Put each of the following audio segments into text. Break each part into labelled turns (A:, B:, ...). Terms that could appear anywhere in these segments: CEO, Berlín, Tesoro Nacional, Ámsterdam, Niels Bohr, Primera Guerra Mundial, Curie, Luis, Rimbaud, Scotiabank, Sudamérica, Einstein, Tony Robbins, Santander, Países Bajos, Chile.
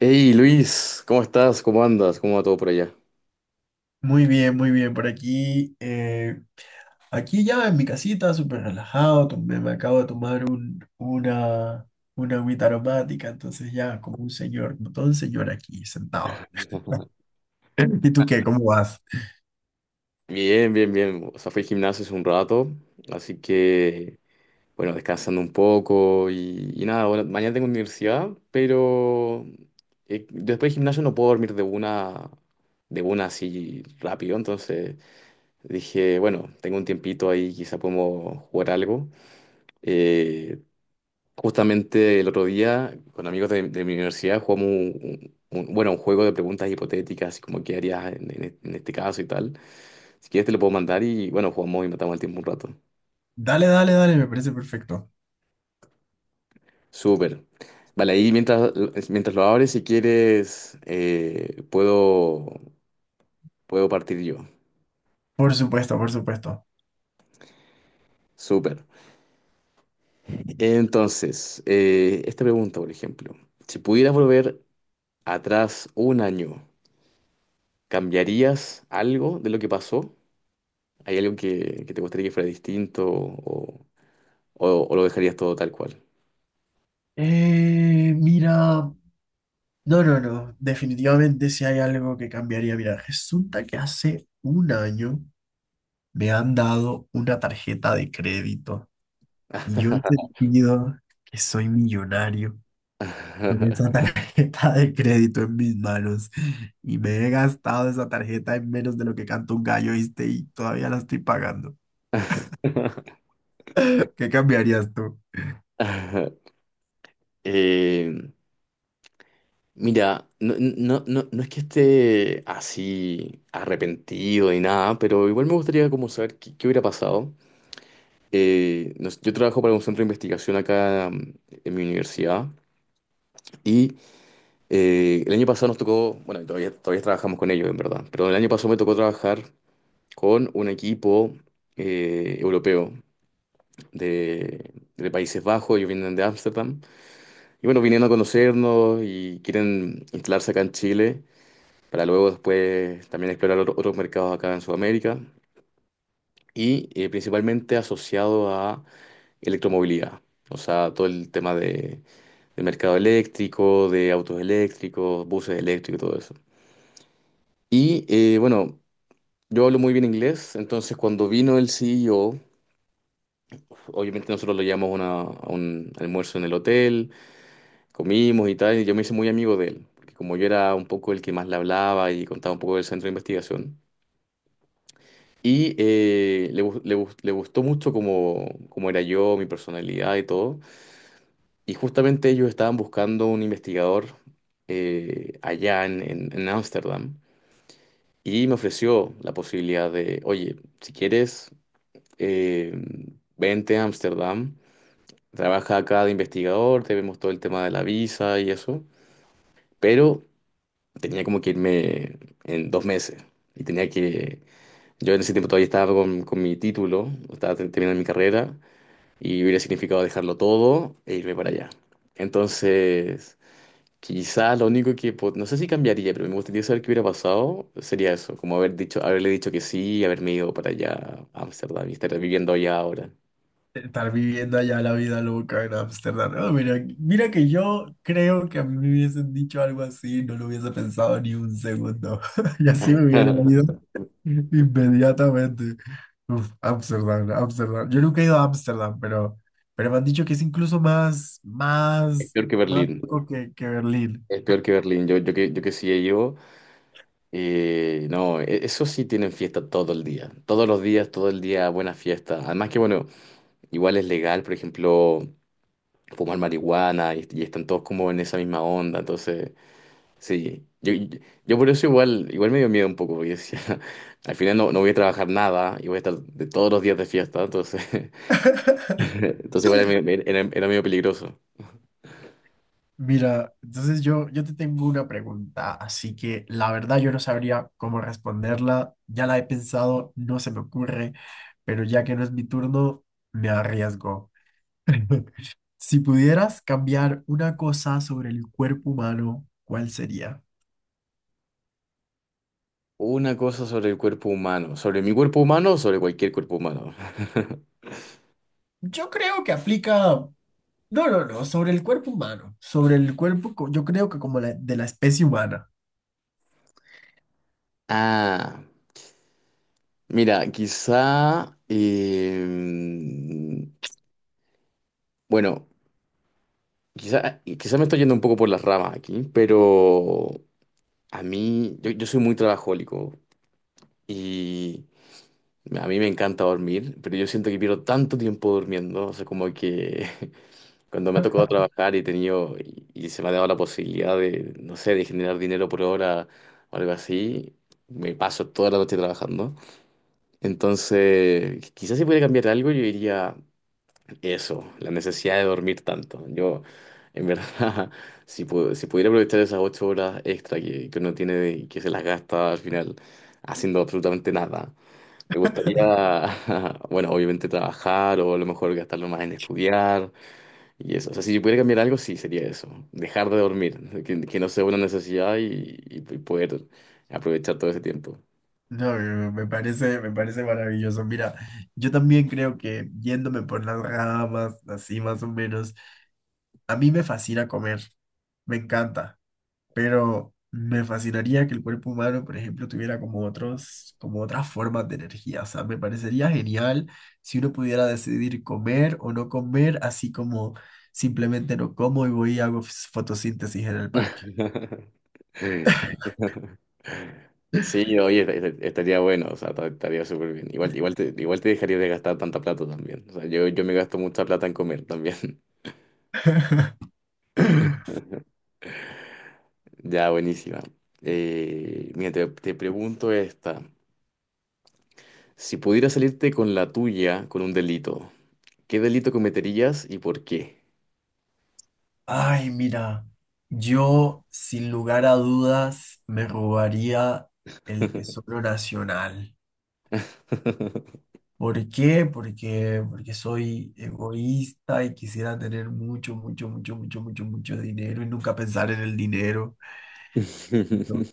A: Hey Luis, ¿cómo estás? ¿Cómo andas? ¿Cómo va todo por allá?
B: Muy bien, muy bien. Por aquí, aquí ya en mi casita, súper relajado. Me acabo de tomar una agüita aromática, entonces ya como un señor, como todo un señor aquí sentado. ¿Y tú qué? ¿Cómo vas?
A: Bien, bien, bien. O sea, fui al gimnasio hace un rato, así que, bueno, descansando un poco y nada, ahora- mañana tengo universidad, pero después del gimnasio no puedo dormir de una así rápido, entonces dije, bueno, tengo un tiempito ahí, quizá podemos jugar algo. Eh, Justamente el otro día, con amigos de mi universidad, jugamos bueno, un juego de preguntas hipotéticas, así como qué harías en este caso y tal. Si quieres te lo puedo mandar y bueno, jugamos y matamos el tiempo un rato.
B: Dale, dale, dale, me parece perfecto.
A: Súper. Vale, ahí mientras, mientras lo abres, si quieres, puedo partir yo.
B: Por supuesto, por supuesto.
A: Súper. Entonces, esta pregunta, por ejemplo, si pudieras volver atrás un año, ¿cambiarías algo de lo que pasó? ¿Hay algo que te gustaría que fuera distinto o lo dejarías todo tal cual?
B: Mira, no, no, no. Definitivamente si hay algo que cambiaría. Mira, resulta que hace un año me han dado una tarjeta de crédito. Y yo he sentido que soy millonario con esa tarjeta de crédito en mis manos. Y me he gastado esa tarjeta en menos de lo que canta un gallo, ¿viste? Y todavía la estoy pagando. ¿Qué cambiarías tú?
A: Eh, mira, no, no, no, no es que esté así arrepentido ni nada, pero igual me gustaría como saber qué hubiera pasado. Nos- yo trabajo para un centro de investigación acá en mi universidad y el año pasado nos tocó, bueno, y todavía, todavía trabajamos con ellos en verdad, pero el año pasado me tocó trabajar con un equipo europeo de Países Bajos, ellos vienen de Ámsterdam. Y bueno, vinieron a conocernos y quieren instalarse acá en Chile para luego después también explorar otro- otros mercados acá en Sudamérica y principalmente asociado a electromovilidad. O sea, todo el tema de mercado eléctrico, de autos eléctricos, buses eléctricos, todo eso. Y bueno, yo hablo muy bien inglés, entonces cuando vino el CEO, obviamente nosotros lo llamamos a una- a un almuerzo en el hotel. Comimos y tal, y yo me hice muy amigo de él, porque como yo era un poco el que más le hablaba y contaba un poco del centro de investigación. Y gu- le gus- le gustó mucho como, como era yo, mi personalidad y todo. Y justamente ellos estaban buscando un investigador allá en Ámsterdam. Y me ofreció la posibilidad de, oye, si quieres, eh, vente a Ámsterdam, trabaja acá de investigador, te vemos todo el tema de la visa y eso. Pero tenía como que irme en dos meses y tenía que, yo en ese tiempo todavía estaba con mi título, estaba te- terminando mi carrera y hubiera significado dejarlo todo e irme para allá. Entonces, quizás lo único que, po- no sé si cambiaría, pero me gustaría saber qué hubiera pasado, sería eso, como haber dicho, haberle dicho que sí y haberme ido para allá a Ámsterdam y estar viviendo allá ahora.
B: Estar viviendo allá la vida loca en Ámsterdam. Ah, mira, mira que yo creo que a mí me hubiesen dicho algo así, no lo hubiese pensado ni un segundo. Y así me hubiera ido inmediatamente. Uf, Ámsterdam, Ámsterdam. Yo nunca he ido a Ámsterdam, pero me han dicho que es incluso más,
A: Es
B: más,
A: peor que
B: más
A: Berlín,
B: loco que Berlín.
A: es peor que Berlín, yo que sí he ido. No, e- eso sí tienen fiesta todo el día. Todos los días, todo el día, buena fiesta. Además que, bueno, igual es legal, por ejemplo, fumar marihuana y están todos como en esa misma onda. Entonces, sí. Yo por eso igual, igual me dio miedo un poco, porque decía, al final no, no voy a trabajar nada y voy a estar de todos los días de fiesta. Entonces, entonces igual era, medio- era, era medio peligroso.
B: Mira, entonces yo te tengo una pregunta, así que la verdad yo no sabría cómo responderla, ya la he pensado, no se me ocurre, pero ya que no es mi turno, me arriesgo. Si pudieras cambiar una cosa sobre el cuerpo humano, ¿cuál sería?
A: Una cosa sobre el cuerpo humano. ¿Sobre mi cuerpo humano o sobre cualquier cuerpo humano?
B: Yo creo que aplica, no, no, no, sobre el cuerpo humano, sobre el cuerpo, yo creo que como de la especie humana.
A: Ah. Mira, quizá, bueno, quizá, quizá me estoy yendo un poco por las ramas aquí, pero a mí, yo soy muy trabajólico y a mí me encanta dormir, pero yo siento que pierdo tanto tiempo durmiendo, o sea, como que cuando me ha tocado trabajar y he tenido, y se me ha dado la posibilidad de, no sé, de generar dinero por hora o algo así, me paso toda la noche trabajando. Entonces, quizás si pudiera cambiar algo, yo diría... Eso, la necesidad de dormir tanto. Yo, en verdad, si, pu- si pudiera aprovechar esas ocho horas extra que uno tiene y que se las gasta al final haciendo absolutamente nada, me gustaría, bueno, obviamente trabajar o a lo mejor gastarlo más en estudiar y eso. O sea, si yo pudiera cambiar algo, sí, sería eso. Dejar de dormir, que no sea una necesidad y poder aprovechar todo ese tiempo.
B: No, me parece, me parece maravilloso. Mira, yo también creo que yéndome por las ramas, así más o menos, a mí me fascina comer, me encanta, pero me fascinaría que el cuerpo humano, por ejemplo, tuviera como otros, como otras formas de energía. O sea, me parecería genial si uno pudiera decidir comer o no comer, así como simplemente no como y voy y hago fotosíntesis en el parque.
A: Sí, oye, est- est- estaría bueno, o sea, ta- estaría súper bien. Igual, igual te dejaría de gastar tanta plata también. O sea, yo me gasto mucha plata en comer también. Ya, buenísima. Mira, te pregunto esta. Si pudieras salirte con la tuya con un delito, ¿qué delito cometerías y por qué?
B: Ay, mira, yo sin lugar a dudas me robaría el Tesoro Nacional. ¿Por qué? Porque, porque soy egoísta y quisiera tener mucho, mucho, mucho, mucho, mucho, mucho dinero y nunca pensar en el dinero.
A: Sí,
B: Entonces,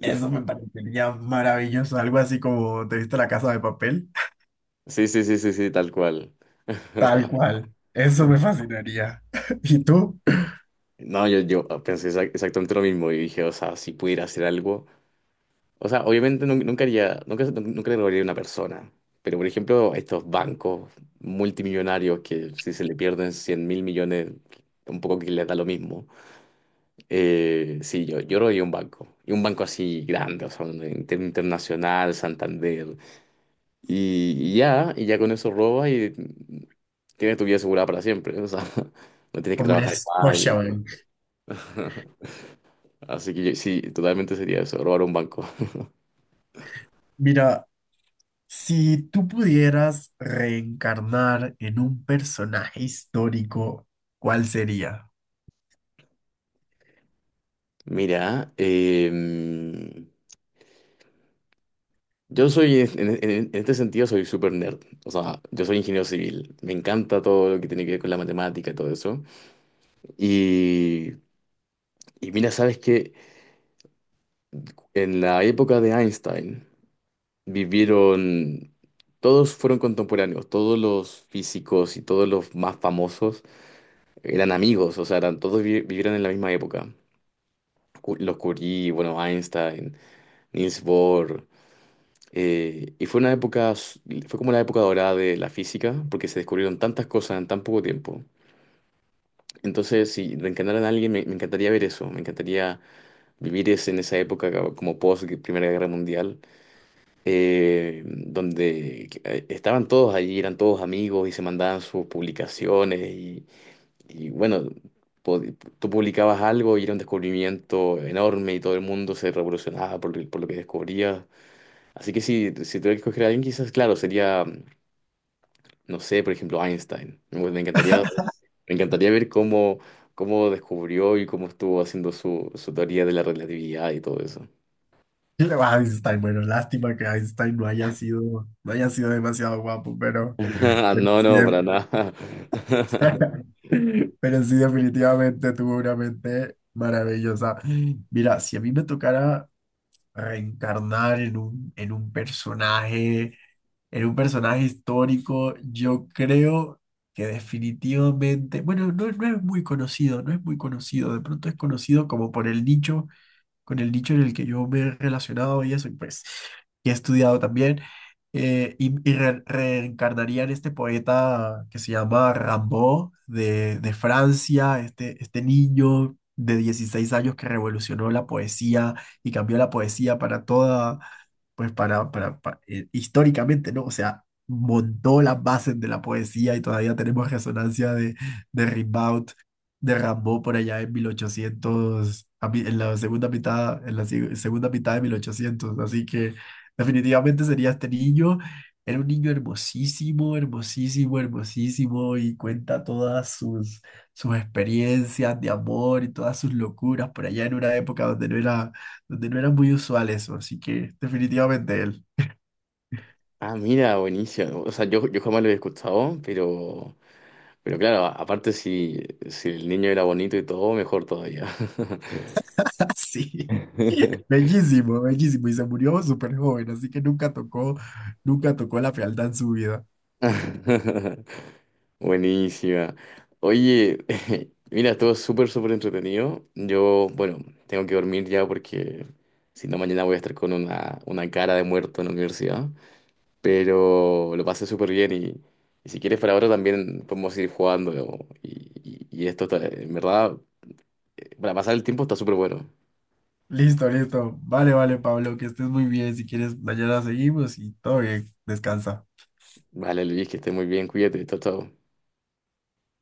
B: eso me parecería maravilloso, algo así como ¿te viste La Casa de Papel?
A: sí, sí, sí, sí, tal cual.
B: Tal cual, eso me fascinaría. ¿Y tú?
A: No, yo ah, pensé exa- exactamente lo mismo y dije, o sea, si pudiera hacer algo. O sea, obviamente nun- nunca haría, nunca, nunca le robaría a una persona. Pero, por ejemplo, a estos bancos multimillonarios que si se le pierden 100 mil millones, un poco que les da lo mismo. Sí, yo robaría un banco. Y un banco así grande, o sea, un inter- internacional, Santander. Y ya, y ya con eso robas y tienes tu vida asegurada para siempre. O sea, no tienes que
B: Como un
A: trabajar más. Y-
B: Scotiabank.
A: Así que yo- sí, totalmente sería eso, robar un banco.
B: Mira, si tú pudieras reencarnar en un personaje histórico, ¿cuál sería?
A: Mira, yo soy, este sentido, soy súper nerd. O sea, yo soy ingeniero civil. Me encanta todo lo que tiene que ver con la matemática y todo eso. Y, y mira, sabes que en la época de Einstein vivieron, todos fueron contemporáneos, todos los físicos y todos los más famosos eran amigos, o sea, eran, todos vi- vivieron en la misma época. Cu- Los Curie, bueno, Einstein, Niels Bohr. Y fue una época, s- fue como la época dorada de la física, porque se descubrieron tantas cosas en tan poco tiempo. Entonces, si reencarnaran a alguien, me encantaría ver eso, me encantaría vivir ese, en esa época ca- como post Primera Guerra Mundial, donde estaban todos allí, eran todos amigos y se mandaban sus publicaciones y bueno, po- tú publicabas algo y era un descubrimiento enorme y todo el mundo se revolucionaba por lo que descubrías. Así que si tuviera que escoger a alguien, quizás, claro, sería. No sé, por ejemplo, Einstein. Me encantaría ver cómo, cómo descubrió y cómo estuvo haciendo su, su teoría de la relatividad y todo eso.
B: Einstein, bueno, lástima que Einstein no haya sido, no haya sido demasiado guapo, pero
A: No,
B: sí,
A: no, para nada.
B: pero sí definitivamente tuvo una mente maravillosa. Mira, si a mí me tocara reencarnar en en un personaje. Era un personaje histórico, yo creo que definitivamente, bueno, no, no es muy conocido, no es muy conocido, de pronto es conocido como por el nicho con el nicho en el que yo me he relacionado y eso, y pues, y he estudiado también. Reencarnaría en este poeta que se llama Rimbaud de Francia, este niño de 16 años que revolucionó la poesía y cambió la poesía para toda, pues históricamente, ¿no? O sea, montó las bases de la poesía y todavía tenemos resonancia de Rimbaud de Rambo por allá en 1800, en la segunda mitad, en la segunda mitad de mil ochocientos. Así que definitivamente sería este niño. Era un niño hermosísimo, hermosísimo, hermosísimo y cuenta todas sus, sus experiencias de amor y todas sus locuras por allá en una época donde no era muy usual eso. Así que definitivamente él.
A: Ah, mira, buenísimo. O sea, yo jamás lo he escuchado, pero claro, a- aparte si, si el niño era bonito y todo, mejor todavía.
B: Sí. Bellísimo, bellísimo. Y se murió súper joven, así que nunca tocó, nunca tocó la fealdad en su vida.
A: Buenísima. Oye, mira, estuvo súper, súper entretenido. Yo, bueno, tengo que dormir ya porque si no, mañana voy a estar con una cara de muerto en la universidad. Pero lo pasé súper bien y si quieres para ahora también podemos ir jugando. ¿No? Y esto, está- en verdad, para pasar el tiempo está súper bueno.
B: Listo, listo. Vale, vale, Pablo, que estés muy bien. Si quieres, mañana seguimos y todo bien. Descansa.
A: Vale, Luis, que estés muy bien, cuídate, chao, chao.